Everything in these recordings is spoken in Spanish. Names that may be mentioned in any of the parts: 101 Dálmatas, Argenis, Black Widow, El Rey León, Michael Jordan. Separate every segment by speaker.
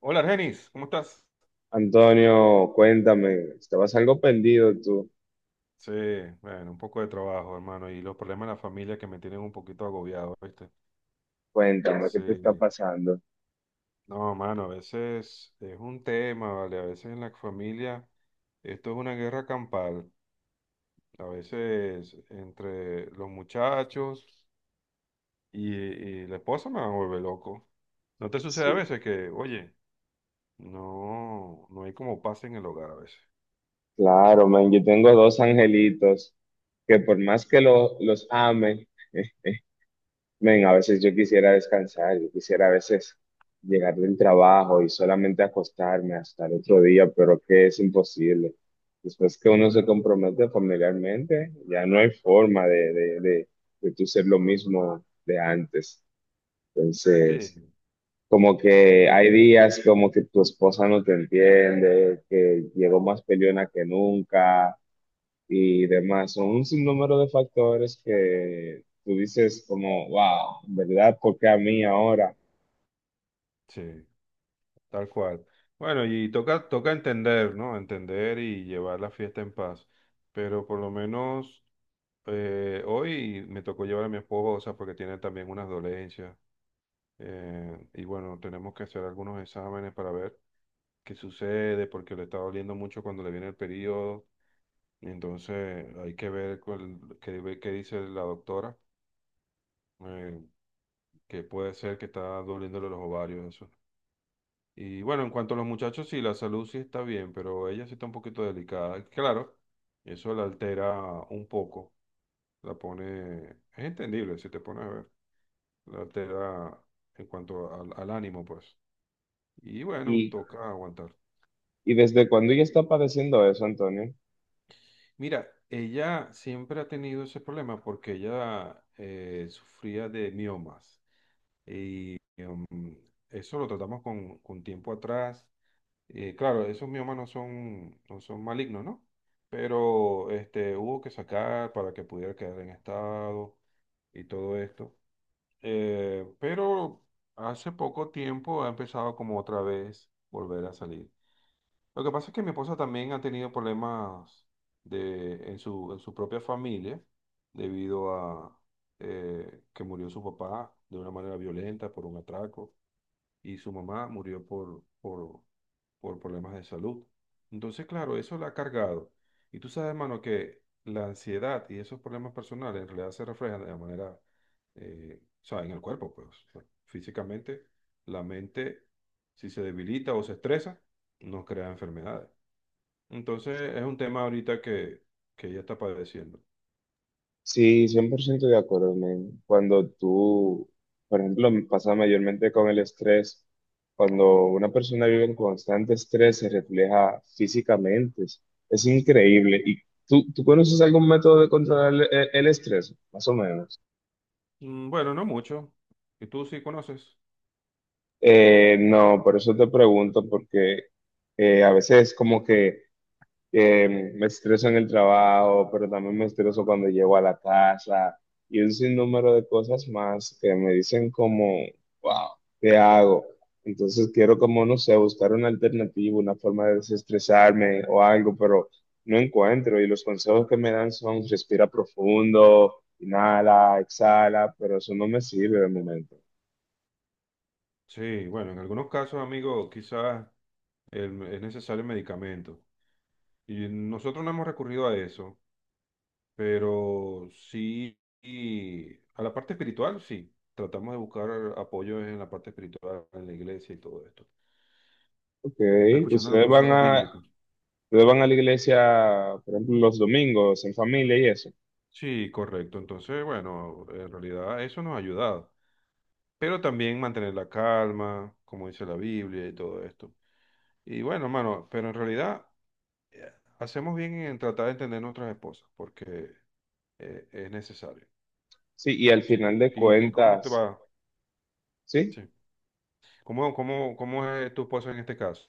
Speaker 1: Hola, Argenis, ¿cómo estás?
Speaker 2: Antonio, cuéntame, estabas algo perdido tú.
Speaker 1: Sí, bueno, un poco de trabajo, hermano, y los problemas de la familia que me tienen un poquito agobiado, ¿viste?
Speaker 2: Cuéntame,
Speaker 1: Sí,
Speaker 2: ¿qué te está pasando?
Speaker 1: no, mano, a veces es un tema, ¿vale? A veces en la familia esto es una guerra campal, a veces entre los muchachos y la esposa me va a volver loco. ¿No te sucede
Speaker 2: Sí,
Speaker 1: a veces que, oye, no, no hay como paz en el hogar a veces?
Speaker 2: claro, man, yo tengo dos angelitos que por más que los ame, men, a veces yo quisiera descansar, yo quisiera a veces llegar del trabajo y solamente acostarme hasta el otro día, pero que es imposible. Después que uno se compromete familiarmente, ya no hay forma de tú ser lo mismo de antes. Entonces...
Speaker 1: Sí.
Speaker 2: Como
Speaker 1: Es
Speaker 2: que
Speaker 1: un-
Speaker 2: hay días como que tu esposa no te entiende, que llegó más peleona que nunca y demás. Son un sinnúmero de factores que tú dices como, wow, ¿verdad? ¿Por qué a mí ahora?
Speaker 1: Sí. Tal cual. Bueno, y toca entender, ¿no? Entender y llevar la fiesta en paz. Pero por lo menos hoy me tocó llevar a mi esposa porque tiene también unas dolencias. Y bueno, tenemos que hacer algunos exámenes para ver qué sucede porque le está doliendo mucho cuando le viene el periodo. Y entonces hay que ver cuál- qué dice la doctora, eh, que puede ser que está doliéndole los ovarios, eso. Y bueno, en cuanto a los muchachos, sí, la salud sí está bien, pero ella sí está un poquito delicada. Claro, eso la altera un poco, la pone, es entendible si te pones a ver, la altera en cuanto al ánimo, pues. Y bueno,
Speaker 2: ¿Y,
Speaker 1: toca aguantar.
Speaker 2: y desde cuándo ella está padeciendo eso, Antonio?
Speaker 1: Mira, ella siempre ha tenido ese problema porque ella sufría de miomas. Mm, eso lo tratamos con tiempo atrás. Claro, esos miomas no son malignos, ¿no? Pero este, hubo que sacar para que pudiera quedar en estado y todo esto. Pero hace poco tiempo ha empezado como otra vez volver a salir. Lo que pasa es que mi esposa también ha tenido problemas de, en su propia familia debido a que murió su papá de una manera violenta por un atraco y su mamá murió por problemas de salud. Entonces, claro, eso la ha cargado. Y tú sabes, hermano, que la ansiedad y esos problemas personales en realidad se reflejan de la manera, o sea, en el cuerpo, pues, o sea, físicamente, la mente, si se debilita o se estresa, nos crea enfermedades. Entonces, es un tema ahorita que ella está padeciendo.
Speaker 2: Sí, 100% de acuerdo, men. Cuando tú, por ejemplo, me pasa mayormente con el estrés, cuando una persona vive en constante estrés se refleja físicamente, es increíble. ¿Y tú conoces algún método de controlar el estrés, más o menos?
Speaker 1: Mm, bueno, no mucho. ¿Y tú sí conoces?
Speaker 2: No, por eso te pregunto, porque a veces como que me estreso en el trabajo, pero también me estreso cuando llego a la casa y un sinnúmero de cosas más que me dicen como, wow, ¿qué hago? Entonces quiero como, no sé, buscar una alternativa, una forma de desestresarme o algo, pero no encuentro y los consejos que me dan son respira profundo, inhala, exhala, pero eso no me sirve de momento.
Speaker 1: Sí, bueno, en algunos casos, amigo, quizás el- es necesario el medicamento. Y nosotros no hemos recurrido a eso, pero sí, y a la parte espiritual, sí. Tratamos de buscar apoyo en la parte espiritual, en la iglesia y todo esto.
Speaker 2: Ok,
Speaker 1: Escuchando los
Speaker 2: ustedes van
Speaker 1: consejos
Speaker 2: a,
Speaker 1: bíblicos.
Speaker 2: ustedes van a la iglesia, por ejemplo, los domingos en familia y eso.
Speaker 1: Sí, correcto. Entonces, bueno, en realidad eso nos ha ayudado. Pero también mantener la calma, como dice la Biblia y todo esto. Y bueno, mano, pero en realidad hacemos bien en tratar de entender nuestras esposas, porque es necesario.
Speaker 2: Sí, y al
Speaker 1: Sí.
Speaker 2: final de
Speaker 1: Y cómo te
Speaker 2: cuentas,
Speaker 1: va?
Speaker 2: sí,
Speaker 1: Sí. ¿Cómo es tu esposa en este caso?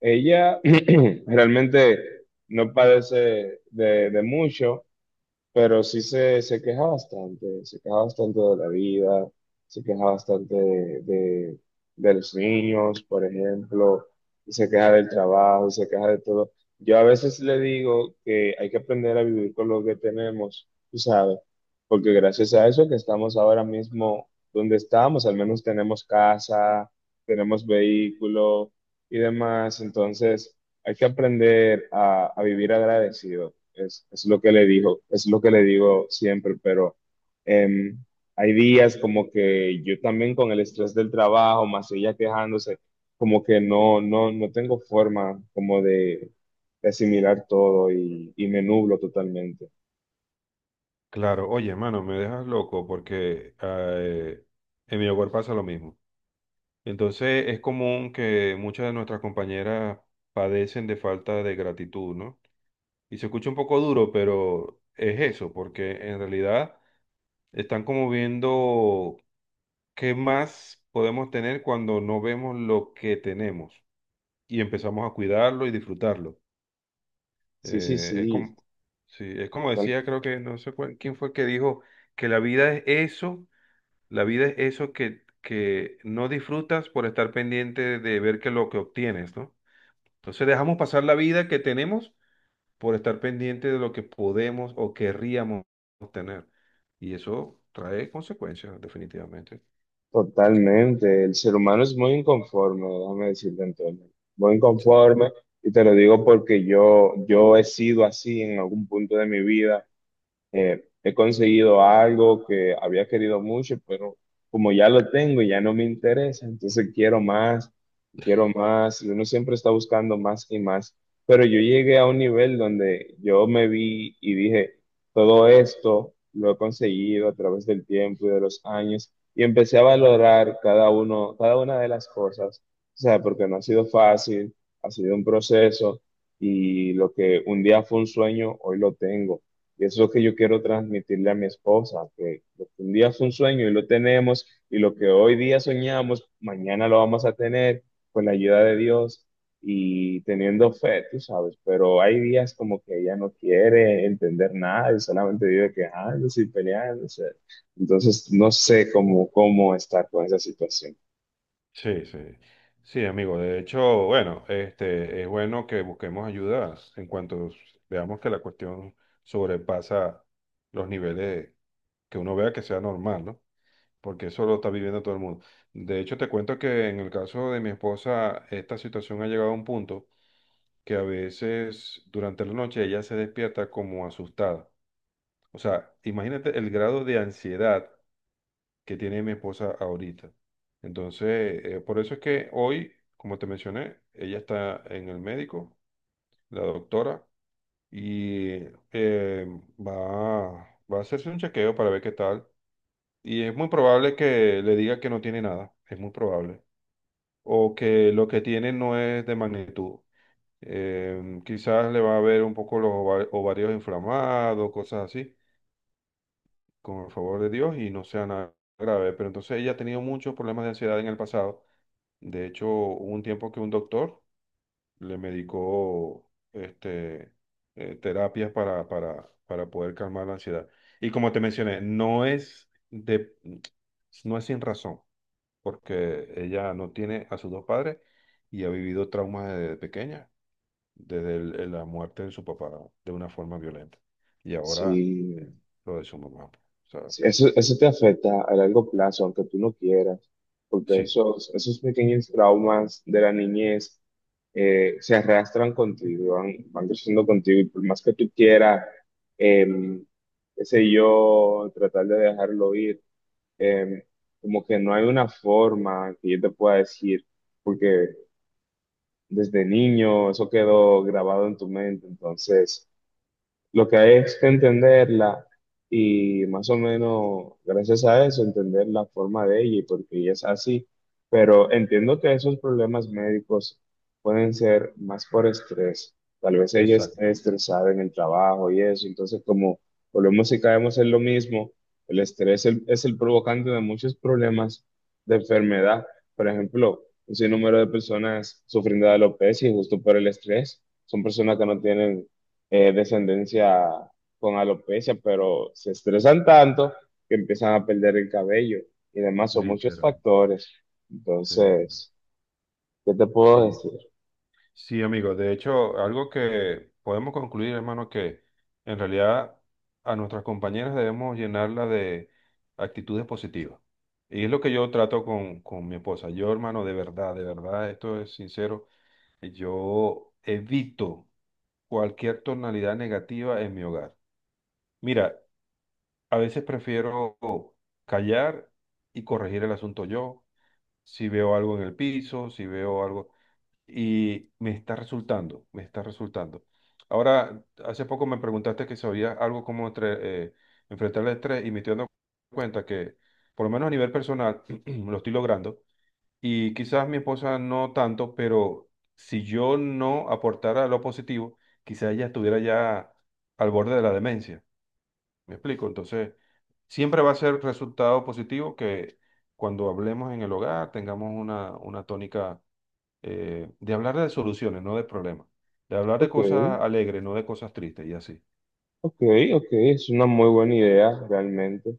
Speaker 2: ella realmente no padece de mucho, pero sí se queja bastante de la vida, se queja bastante de los niños, por ejemplo, y se queja del trabajo, se queja de todo. Yo a veces le digo que hay que aprender a vivir con lo que tenemos, tú sabes, porque gracias a eso que estamos ahora mismo donde estamos, al menos tenemos casa, tenemos vehículo y demás, entonces hay que aprender a vivir agradecido. Lo que le digo, es lo que le digo siempre, pero em, hay días como que yo también con el estrés del trabajo, más ella quejándose, como que no tengo forma como de asimilar todo y me nublo totalmente.
Speaker 1: Claro, oye, hermano, me dejas loco porque en mi hogar pasa lo mismo. Entonces es común que muchas de nuestras compañeras padecen de falta de gratitud, ¿no? Y se escucha un poco duro, pero es eso, porque en realidad están como viendo. ¿Qué más podemos tener cuando no vemos lo que tenemos y empezamos a cuidarlo y disfrutarlo?
Speaker 2: Sí, sí,
Speaker 1: Es
Speaker 2: sí.
Speaker 1: como, sí, es como decía, creo que no sé cuál- quién fue que dijo que la vida es eso, la vida es eso que no disfrutas por estar pendiente de ver que lo que obtienes, ¿no? Entonces dejamos pasar la vida que tenemos por estar pendiente de lo que podemos o querríamos obtener. Y eso trae consecuencias, definitivamente.
Speaker 2: Totalmente, el ser humano es muy inconforme, déjame decirte Antonio, muy
Speaker 1: Sí.
Speaker 2: inconforme y te lo digo porque yo he sido así en algún punto de mi vida he conseguido algo que había querido mucho, pero como ya lo tengo, ya no me interesa, entonces quiero más, y uno siempre está buscando más y más, pero yo llegué a un nivel donde yo me vi y dije, todo esto lo he conseguido a través del tiempo y de los años, y empecé a valorar cada uno, cada una de las cosas, o sea, porque no ha sido fácil, ha sido un proceso, y lo que un día fue un sueño, hoy lo tengo. Y eso es lo que yo quiero transmitirle a mi esposa, que lo que un día fue un sueño y lo tenemos, y lo que hoy día soñamos, mañana lo vamos a tener con la ayuda de Dios y teniendo fe, tú sabes, pero hay días como que ella no quiere entender nada y solamente vive quejándose y peleándose. Entonces, no sé cómo, cómo estar con esa situación.
Speaker 1: Sí, sí. Sí, amigo. De hecho, bueno, este, es bueno que busquemos ayudas en cuanto veamos que la cuestión sobrepasa los niveles que uno vea que sea normal, ¿no? Porque eso lo está viviendo todo el mundo. De hecho, te cuento que en el caso de mi esposa, esta situación ha llegado a un punto que a veces durante la noche ella se despierta como asustada. O sea, imagínate el grado de ansiedad que tiene mi esposa ahorita. Entonces, por eso es que hoy, como te mencioné, ella está en el médico, la doctora, y eh, va a hacerse un chequeo para ver qué tal. Y es muy probable que le diga que no tiene nada, es muy probable. O que lo que tiene no es de magnitud. Quizás le va a ver un poco los ova- ovarios inflamados, cosas así, con el favor de Dios, y no sea nada grave. Pero entonces ella ha tenido muchos problemas de ansiedad en el pasado. De hecho, hubo un tiempo que un doctor le medicó este, terapias para poder calmar la ansiedad. Y como te mencioné, no es de, no es sin razón, porque ella no tiene a sus dos padres y ha vivido traumas desde pequeña, desde el- la muerte de su papá de una forma violenta. Y ahora eh,
Speaker 2: Sí,
Speaker 1: lo de su mamá. O sea,
Speaker 2: sí, eso te afecta a largo plazo, aunque tú no quieras, porque
Speaker 1: sí,
Speaker 2: esos, esos pequeños traumas de la niñez se arrastran contigo, van, van creciendo contigo, y por más que tú quieras, em, qué sé yo, tratar de dejarlo ir, em, como que no hay una forma que yo te pueda decir, porque desde niño eso quedó grabado en tu mente, entonces... Lo que hay es que entenderla y más o menos gracias a eso entender la forma de ella y por qué ella es así. Pero entiendo que esos problemas médicos pueden ser más por estrés. Tal vez ella
Speaker 1: exacto.
Speaker 2: esté estresada en el trabajo y eso. Entonces, como volvemos y caemos en lo mismo, el estrés es el provocante de muchos problemas de enfermedad. Por ejemplo, un sinnúmero de personas sufriendo de alopecia y justo por el estrés. Son personas que no tienen descendencia con alopecia, pero se estresan tanto que empiezan a perder el cabello y demás, son muchos
Speaker 1: Literal.
Speaker 2: factores.
Speaker 1: Sí, sí.
Speaker 2: Entonces, ¿qué te puedo
Speaker 1: Sí.
Speaker 2: decir?
Speaker 1: Sí, amigo. De hecho, algo que podemos concluir, hermano, que en realidad a nuestras compañeras debemos llenarla de actitudes positivas. Y es lo que yo trato con mi esposa. Yo, hermano, de verdad, esto es sincero, yo evito cualquier tonalidad negativa en mi hogar. Mira, a veces prefiero callar y corregir el asunto yo. Si veo algo en el piso, si veo algo y me está resultando. Ahora, hace poco me preguntaste que sabía algo como entre, enfrentar el estrés y me estoy dando cuenta que, por lo menos a nivel personal, lo estoy logrando y quizás mi esposa no tanto, pero si yo no aportara lo positivo, quizás ella estuviera ya al borde de la demencia. ¿Me explico? Entonces, siempre va a ser resultado positivo que cuando hablemos en el hogar tengamos una tónica de hablar de soluciones, no de problemas, de hablar de
Speaker 2: Ok,
Speaker 1: cosas alegres, no de cosas tristes y así.
Speaker 2: ok, ok, es una muy buena idea realmente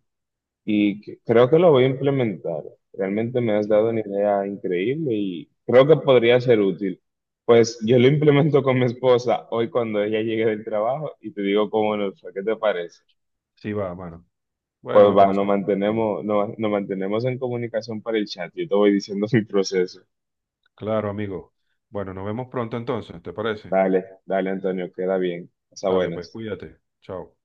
Speaker 2: creo que lo voy a implementar. Realmente me has dado
Speaker 1: Sí,
Speaker 2: una idea increíble y creo que podría ser útil. Pues yo lo implemento con mi esposa hoy cuando ella llegue del trabajo y te digo cómo nos fue, ¿qué te parece?
Speaker 1: sí va, mano.
Speaker 2: Pues
Speaker 1: Bueno, me
Speaker 2: va, nos
Speaker 1: parece. Bien.
Speaker 2: mantenemos, nos mantenemos en comunicación para el chat. Yo te voy diciendo mi proceso.
Speaker 1: Claro, amigo. Bueno, nos vemos pronto entonces, ¿te parece?
Speaker 2: Dale, dale, Antonio, queda bien. Hasta
Speaker 1: Dale, pues
Speaker 2: buenas.
Speaker 1: cuídate. Chao.